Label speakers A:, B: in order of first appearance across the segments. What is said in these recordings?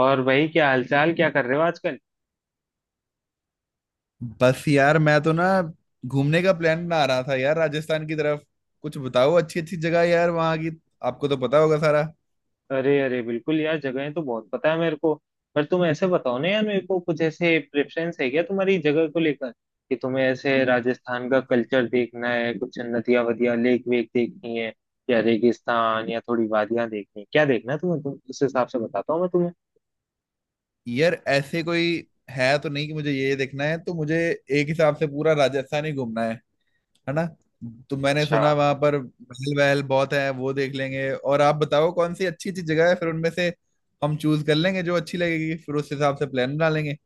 A: और भाई क्या हालचाल, क्या कर रहे हो आजकल।
B: बस यार मैं तो ना घूमने का प्लान बना रहा था यार राजस्थान की तरफ। कुछ बताओ अच्छी अच्छी जगह यार वहाँ की। आपको तो पता होगा सारा।
A: अरे अरे, बिल्कुल यार, जगहें तो बहुत पता है मेरे को। पर तुम ऐसे बताओ ना यार मेरे को, कुछ ऐसे प्रेफरेंस है क्या तुम्हारी जगह को लेकर? कि तुम्हें ऐसे राजस्थान का कल्चर देखना है, कुछ नदियां वदियां लेक वेक देखनी है, या रेगिस्तान, या थोड़ी वादियां देखनी है? क्या देखना है तुम्हें, तुम उस हिसाब से बताता हूँ मैं तुम्हें।
B: यार ऐसे कोई है तो नहीं कि मुझे ये देखना है, तो मुझे एक हिसाब से पूरा राजस्थान ही घूमना है ना। तो मैंने
A: अच्छा।
B: सुना वहां पर महल वहल बहुत है, वो देख लेंगे। और आप बताओ कौन सी अच्छी अच्छी जगह है, फिर उनमें से हम चूज कर लेंगे जो अच्छी लगेगी, फिर उस हिसाब से प्लान बना लेंगे।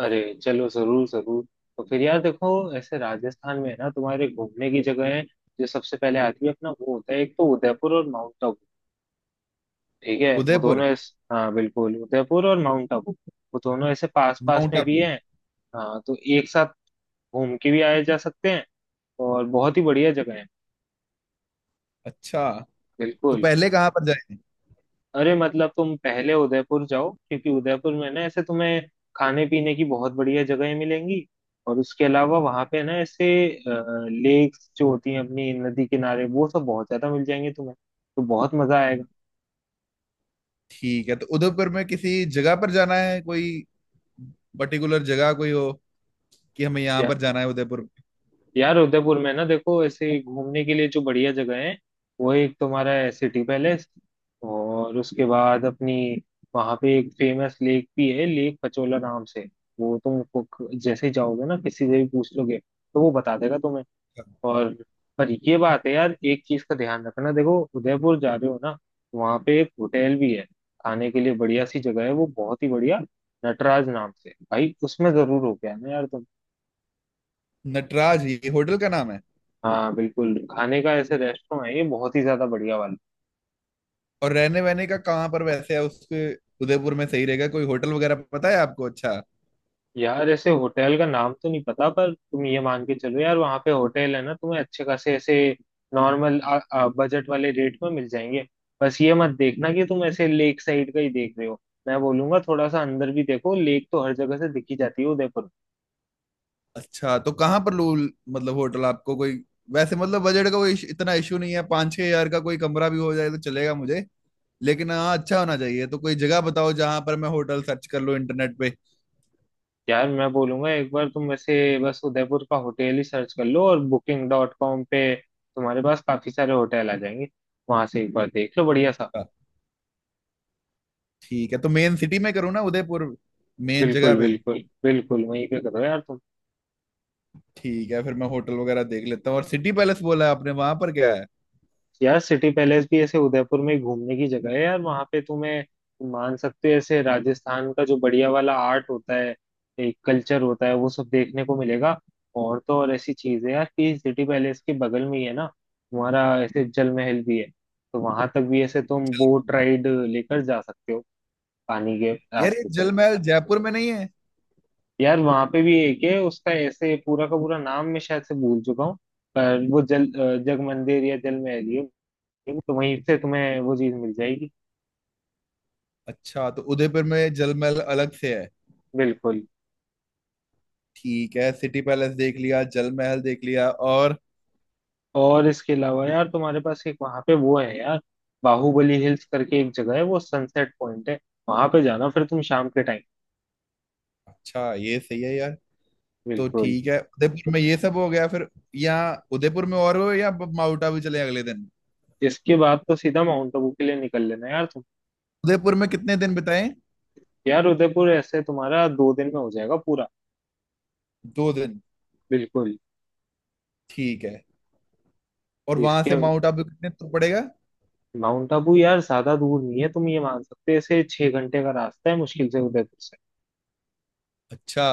A: अरे चलो, जरूर जरूर। तो फिर यार देखो, ऐसे राजस्थान में है ना तुम्हारे घूमने की जगह है, जो सबसे पहले आती है अपना, वो होता है एक तो उदयपुर और माउंट आबू। ठीक है,
B: उदयपुर।
A: हाँ बिल्कुल, उदयपुर और माउंट आबू। वो दोनों ऐसे पास पास
B: माउंट
A: में भी
B: आबू।
A: हैं। हाँ, तो एक साथ घूम के भी आए जा सकते हैं। और बहुत ही बढ़िया जगह है।
B: अच्छा, तो
A: बिल्कुल।
B: पहले कहाँ पर।
A: अरे मतलब तुम पहले उदयपुर जाओ, क्योंकि उदयपुर में ना ऐसे तुम्हें खाने पीने की बहुत बढ़िया जगहें मिलेंगी। और उसके अलावा वहां पे ना ऐसे लेक्स जो होती हैं अपनी नदी किनारे, वो सब बहुत ज्यादा मिल जाएंगे तुम्हें। तो बहुत मजा आएगा।
B: ठीक है, तो उदयपुर में किसी जगह पर जाना है कोई पर्टिकुलर जगह कोई हो, कि हमें यहाँ पर जाना है उदयपुर में?
A: यार उदयपुर में ना देखो, ऐसे ही घूमने के लिए जो बढ़िया जगह है, वो एक तुम्हारा है सिटी पैलेस। और उसके बाद अपनी वहां पे एक फेमस लेक भी है, लेक पचोला नाम से। जैसे ही जाओगे ना किसी से भी पूछ लोगे तो वो बता देगा तुम्हें। और पर ये बात है यार, एक चीज का ध्यान रखना, देखो उदयपुर जा रहे हो ना, वहां पे एक होटल भी है, खाने के लिए बढ़िया सी जगह है, वो बहुत ही बढ़िया, नटराज नाम से भाई, उसमें जरूर हो गया ना यार तुम।
B: नटराज, ये होटल का नाम है।
A: हाँ बिल्कुल, खाने का ऐसे रेस्टोरेंट है ये, बहुत ही ज्यादा बढ़िया वाला।
B: और रहने वहने का कहाँ पर वैसे है उसके, उदयपुर में सही रहेगा कोई होटल वगैरह पता है आपको? अच्छा।
A: यार ऐसे होटल का नाम तो नहीं पता, पर तुम ये मान के चलो यार वहाँ पे होटल है ना, तुम्हें अच्छे खासे ऐसे नॉर्मल बजट वाले रेट में मिल जाएंगे। बस ये मत देखना कि तुम ऐसे लेक साइड का ही देख रहे हो, मैं बोलूंगा थोड़ा सा अंदर भी देखो, लेक तो हर जगह से दिखी जाती है उदयपुर।
B: अच्छा, तो कहाँ पर लू, मतलब होटल आपको कोई, वैसे मतलब बजट का कोई इतना इशू नहीं है, 5-6 हजार का कोई कमरा भी हो जाए तो चलेगा मुझे। लेकिन हाँ, अच्छा होना चाहिए, तो कोई जगह बताओ जहां पर मैं होटल सर्च कर लूँ इंटरनेट पे।
A: यार मैं बोलूंगा एक बार तुम वैसे बस उदयपुर का होटल ही सर्च कर लो और बुकिंग डॉट कॉम पे तुम्हारे पास काफी सारे होटल आ जाएंगे, वहां से एक बार देख लो बढ़िया सा।
B: हाँ, ठीक है। तो मेन सिटी में करूँ ना उदयपुर, मेन जगह
A: बिल्कुल
B: पे ही।
A: बिल्कुल बिल्कुल वहीं पे करो यार तुम।
B: ठीक है, फिर मैं होटल वगैरह देख लेता हूँ। और सिटी पैलेस बोला है आपने, वहां पर क्या है?
A: यार सिटी पैलेस भी ऐसे उदयपुर में ही घूमने की जगह है यार, वहां पे तुम्हें, तुम मान सकते हो ऐसे राजस्थान का जो बढ़िया वाला आर्ट होता है, एक कल्चर होता है, वो सब देखने को मिलेगा। और तो और ऐसी चीज है यार, कि सिटी पैलेस के बगल में ही है ना तुम्हारा ऐसे जल महल भी है, तो वहां तक भी ऐसे तुम बोट राइड लेकर जा सकते हो, पानी के
B: यार ये
A: रास्ते से।
B: जलमहल जयपुर में नहीं है?
A: यार वहां पे भी एक है, उसका ऐसे पूरा का पूरा नाम मैं शायद से भूल चुका हूँ, पर वो जग मंदिर या जल महल ही है, तो वहीं से तुम्हें वो चीज मिल जाएगी।
B: अच्छा, तो उदयपुर में जलमहल अलग से है।
A: बिल्कुल।
B: ठीक है, सिटी पैलेस देख लिया, जलमहल देख लिया, और?
A: और इसके अलावा यार तुम्हारे पास एक वहां पे वो है यार, बाहुबली हिल्स करके एक जगह है, वो सनसेट पॉइंट है, वहां पे जाना फिर तुम शाम के टाइम।
B: अच्छा, ये सही है यार। तो
A: बिल्कुल।
B: ठीक है, उदयपुर में ये सब हो गया, फिर यहाँ उदयपुर में और हो, या माउंट आबू चले अगले दिन।
A: इसके बाद तो सीधा माउंट आबू के लिए निकल लेना यार तुम।
B: उदयपुर में कितने दिन बिताए?
A: यार उदयपुर ऐसे तुम्हारा 2 दिन में हो जाएगा पूरा।
B: 2 दिन?
A: बिल्कुल।
B: ठीक है। और वहां
A: इसके
B: से माउंट आबू कितने दूर पड़ेगा?
A: माउंट आबू यार ज्यादा दूर नहीं है, तुम ये मान सकते हो इसे, 6 घंटे का रास्ता है मुश्किल से उदयपुर से।
B: अच्छा।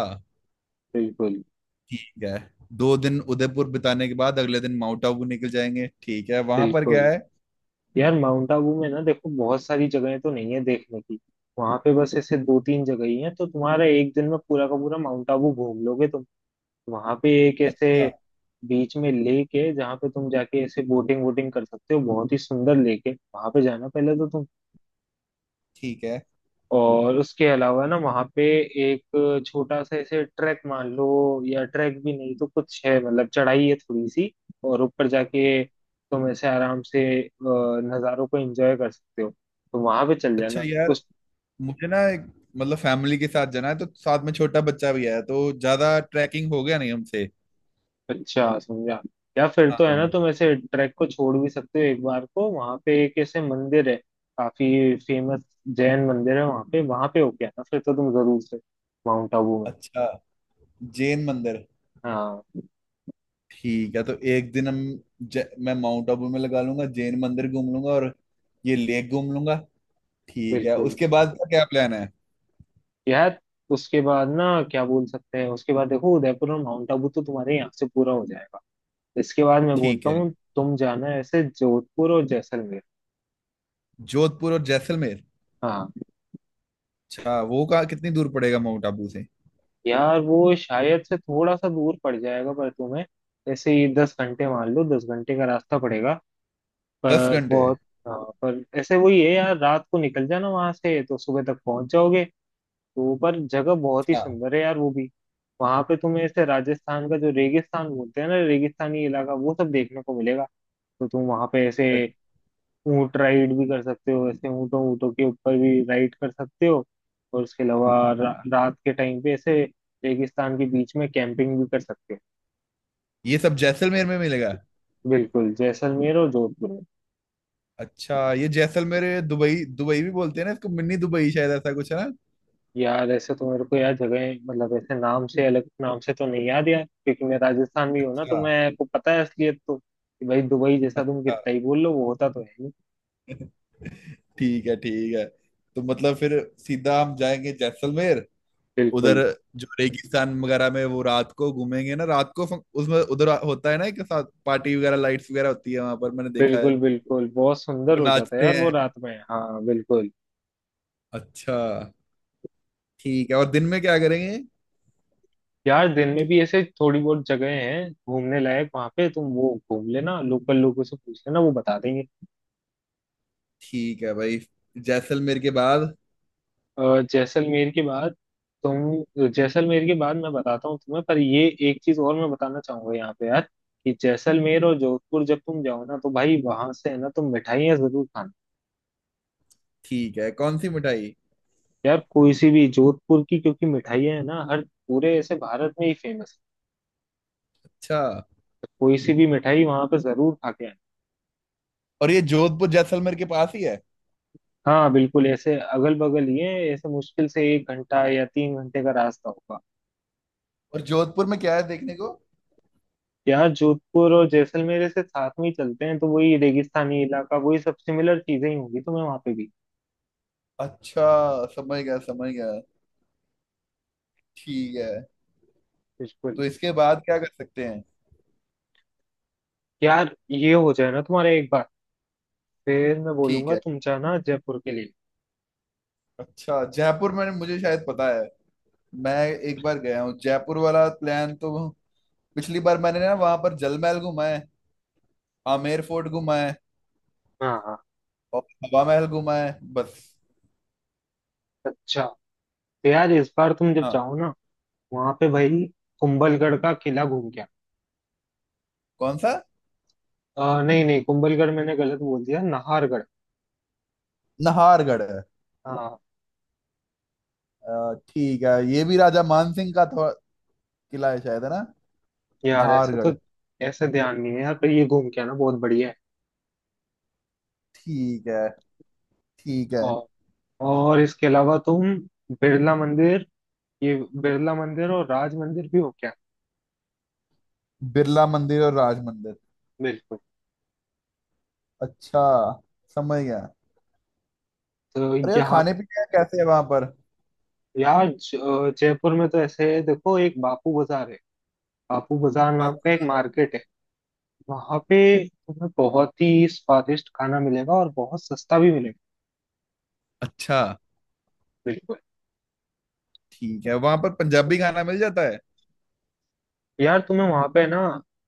A: बिल्कुल।
B: ठीक है, 2 दिन उदयपुर बिताने के बाद अगले दिन माउंट आबू निकल जाएंगे। ठीक है, वहां पर क्या
A: बिल्कुल।
B: है?
A: यार माउंट आबू में ना देखो, बहुत सारी जगहें तो नहीं है देखने की, वहां पे बस ऐसे दो तीन जगह ही हैं, तो तुम्हारा 1 दिन में पूरा का पूरा माउंट आबू घूम लोगे तुम। वहां पे एक ऐसे
B: अच्छा।
A: बीच में लेक है जहाँ पे तुम जाके ऐसे बोटिंग वोटिंग कर सकते हो, बहुत ही सुंदर लेक है, वहां पे जाना पहले तो तुम।
B: ठीक है।
A: और उसके अलावा ना वहाँ पे एक छोटा सा ऐसे ट्रैक मान लो, या ट्रैक भी नहीं तो कुछ है, मतलब चढ़ाई है थोड़ी सी, और ऊपर जाके तुम ऐसे आराम से नज़ारों को एंजॉय कर सकते हो, तो वहां पे चल
B: अच्छा
A: जाना
B: यार,
A: उस।
B: मुझे ना एक, मतलब फैमिली के साथ जाना है, तो साथ में छोटा बच्चा भी है, तो ज्यादा ट्रैकिंग हो गया नहीं हमसे।
A: अच्छा समझा। या फिर
B: हाँ
A: तो है ना
B: हाँ।
A: तुम ऐसे ट्रैक को छोड़ भी सकते हो एक बार को, वहां पे एक ऐसे मंदिर है काफी फेमस, जैन मंदिर है, वहां पे, वहां पे होके आना फिर तो तुम जरूर से, माउंट आबू में।
B: अच्छा, जैन मंदिर।
A: हाँ
B: ठीक है, तो 1 दिन हम, मैं माउंट आबू में लगा लूंगा, जैन मंदिर घूम लूंगा और ये लेक घूम लूंगा। ठीक है,
A: बिल्कुल।
B: उसके बाद का क्या प्लान है?
A: यार उसके बाद ना, क्या बोल सकते हैं, उसके बाद देखो उदयपुर और माउंट आबू तो तुम्हारे यहाँ से पूरा हो जाएगा, इसके बाद मैं
B: ठीक
A: बोलता
B: है।
A: हूँ तुम जाना ऐसे जोधपुर और जैसलमेर।
B: जोधपुर और जैसलमेर।
A: हाँ।
B: अच्छा, वो कहाँ, कितनी दूर पड़ेगा माउंट आबू से?
A: यार वो शायद से थोड़ा सा दूर पड़ जाएगा, पर तुम्हें ऐसे ही 10 घंटे मान लो, 10 घंटे का रास्ता पड़ेगा।
B: दस
A: पर
B: घंटे
A: बहुत। हाँ, पर ऐसे वही है यार, रात को निकल जाना वहां से तो सुबह तक पहुंच जाओगे। तो पर जगह बहुत ही
B: हाँ।
A: सुंदर है यार वो भी। वहां पे तुम्हें ऐसे राजस्थान का जो रेगिस्तान बोलते हैं ना, रेगिस्तानी इलाका, वो सब देखने को मिलेगा। तो तुम वहां पे ऐसे ऊंट राइड भी कर सकते हो, ऐसे ऊंटों ऊंटों के ऊपर भी राइड कर सकते हो। और उसके अलावा रात के टाइम पे ऐसे रेगिस्तान के बीच में कैंपिंग भी कर सकते हो।
B: ये सब जैसलमेर में मिलेगा?
A: बिल्कुल, जैसलमेर और जोधपुर में।
B: अच्छा, ये जैसलमेर दुबई दुबई भी बोलते हैं ना इसको, मिनी दुबई, शायद ऐसा कुछ है ना।
A: यार ऐसे तो मेरे को यार, जगह मतलब ऐसे नाम से, अलग नाम से तो नहीं याद यार, क्योंकि मैं राजस्थान में हूँ ना, तो
B: अच्छा।
A: मैं को पता है असलियत तो, कि भाई दुबई जैसा तुम
B: अच्छा।
A: कितना ही बोल लो, वो होता तो है नहीं।
B: ठीक है ठीक है। तो मतलब फिर सीधा हम जाएंगे जैसलमेर। उधर
A: बिल्कुल
B: जो रेगिस्तान वगैरह में, वो रात को घूमेंगे ना, रात को उसमें उधर होता है ना, एक साथ पार्टी वगैरह, लाइट्स वगैरह होती है, वहां पर मैंने देखा है।
A: बिल्कुल बिल्कुल बहुत सुंदर
B: वो
A: हो जाता है
B: नाचते
A: यार वो
B: हैं।
A: रात में, हाँ बिल्कुल।
B: अच्छा, ठीक है। और दिन में क्या करेंगे?
A: यार दिन में भी ऐसे थोड़ी बहुत जगह हैं घूमने लायक, वहां पे तुम वो घूम लेना, लोकल लोगों से पूछ लेना, वो बता देंगे।
B: ठीक है भाई। जैसलमेर के बाद?
A: जैसलमेर के बाद, तुम जैसलमेर के बाद मैं बताता हूँ तुम्हें, पर ये एक चीज और मैं बताना चाहूंगा यहाँ पे यार, कि जैसलमेर और जोधपुर जब तुम जाओ ना, तो भाई वहां से है ना तुम मिठाइयाँ जरूर खाना।
B: ठीक है, कौन सी मिठाई?
A: यार कोई सी भी, जोधपुर की क्योंकि मिठाइयाँ है ना, हर पूरे ऐसे भारत में ही फेमस
B: अच्छा,
A: है, कोई सी भी मिठाई वहां पे जरूर खा के आना।
B: और ये जोधपुर जैसलमेर के पास ही है?
A: हाँ बिल्कुल, ऐसे अगल बगल ही है, ऐसे मुश्किल से 1 घंटा या 3 घंटे का रास्ता होगा।
B: और जोधपुर में क्या है देखने को?
A: यहाँ जोधपुर और जैसलमेर से साथ में ही चलते हैं, तो वही रेगिस्तानी इलाका, वही सब सिमिलर चीजें ही होंगी तुम्हें वहां पे भी।
B: अच्छा, समझ गया समझ गया। ठीक है,
A: बिल्कुल।
B: तो इसके बाद क्या कर सकते हैं?
A: यार ये हो जाए ना तुम्हारा एक बार, फिर मैं
B: ठीक
A: बोलूंगा
B: है।
A: तुम जाना जयपुर के लिए।
B: अच्छा, जयपुर में मुझे शायद पता है। मैं एक बार गया हूँ जयपुर। वाला प्लान तो पिछली बार मैंने ना, वहां पर जल महल घूमा है, आमेर फोर्ट घूमा है,
A: हाँ हाँ।
B: और हवा महल घूमा है, बस।
A: अच्छा तो यार इस बार तुम जब
B: हाँ।
A: जाओ ना, वहां पे भाई कुंभलगढ़ का किला घूम गया।
B: कौन सा?
A: नहीं नहीं कुंभलगढ़ मैंने गलत बोल दिया, नाहरगढ़।
B: नाहरगढ़ है?
A: हाँ।
B: ठीक है, ये भी राजा मान सिंह का किला है शायद, है ना?
A: यार ऐसे
B: नाहरगढ़।
A: तो, ऐसे ध्यान नहीं है यार, पर ये घूम के आना बहुत बढ़िया है।
B: ठीक है। ठीक है।
A: और और इसके अलावा तुम बिरला मंदिर, ये बिरला मंदिर और राज मंदिर भी हो क्या।
B: बिरला मंदिर और राज मंदिर?
A: बिल्कुल।
B: अच्छा, समझ गया।
A: तो
B: अरे यार,
A: यहाँ,
B: खाने पीने का कैसे है वहां पर?
A: यार जयपुर में तो ऐसे है देखो, एक बापू बाजार है, बापू बाजार नाम का
B: बाकी-
A: एक मार्केट है, वहां पे तुम्हें बहुत ही स्वादिष्ट खाना मिलेगा और बहुत सस्ता भी मिलेगा।
B: अच्छा।
A: बिल्कुल।
B: ठीक है, वहां पर पंजाबी खाना मिल जाता है?
A: यार तुम्हें वहां पे ना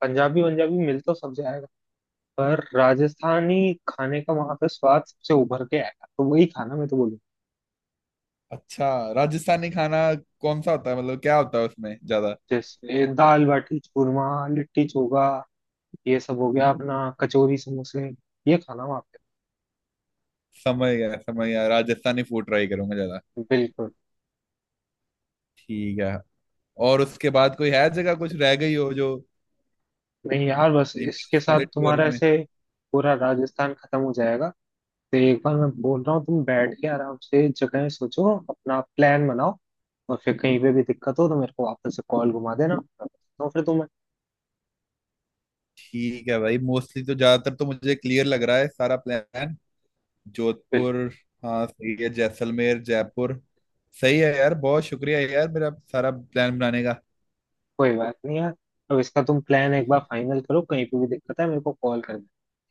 A: पंजाबी पंजाबी मिल तो सब जाएगा, पर राजस्थानी खाने का वहां पे स्वाद सबसे उभर के आएगा, तो वही खाना मैं तो बोलूंगा।
B: अच्छा। राजस्थानी खाना कौन सा होता है, मतलब क्या होता है उसमें ज्यादा?
A: जैसे दाल बाटी चूरमा, लिट्टी चोखा, ये सब हो गया अपना कचौरी समोसे, ये खाना वहाँ
B: समझ गया समझ गया, राजस्थानी फूड ट्राई करूंगा ज्यादा।
A: पे बिल्कुल।
B: ठीक है। और उसके बाद कोई है जगह कुछ रह गई हो जो
A: नहीं यार, बस
B: ये मेरे
A: इसके साथ
B: सारे टूर
A: तुम्हारा
B: में?
A: ऐसे पूरा राजस्थान खत्म हो जाएगा। तो एक बार मैं बोल रहा हूँ तुम बैठ के आराम से जगह सोचो, अपना प्लान बनाओ, और फिर कहीं पे भी दिक्कत हो तो मेरे को वापस से कॉल घुमा देना, तो फिर तुम्हें।
B: ठीक है भाई, मोस्टली तो ज्यादातर तो मुझे क्लियर लग रहा है सारा प्लान।
A: बिल्कुल।
B: जोधपुर, हाँ सही है, जैसलमेर, जयपुर। सही है यार, बहुत शुक्रिया यार, मेरा सारा प्लान बनाने का।
A: कोई बात नहीं यार, अब इसका तुम प्लान एक बार फाइनल करो, कहीं पे भी दिक्कत है मेरे को कॉल करना,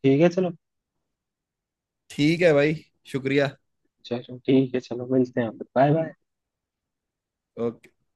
A: ठीक है चलो।
B: ठीक है भाई, शुक्रिया।
A: चलो ठीक है, चलो मिलते हैं, बाय बाय।
B: ओके।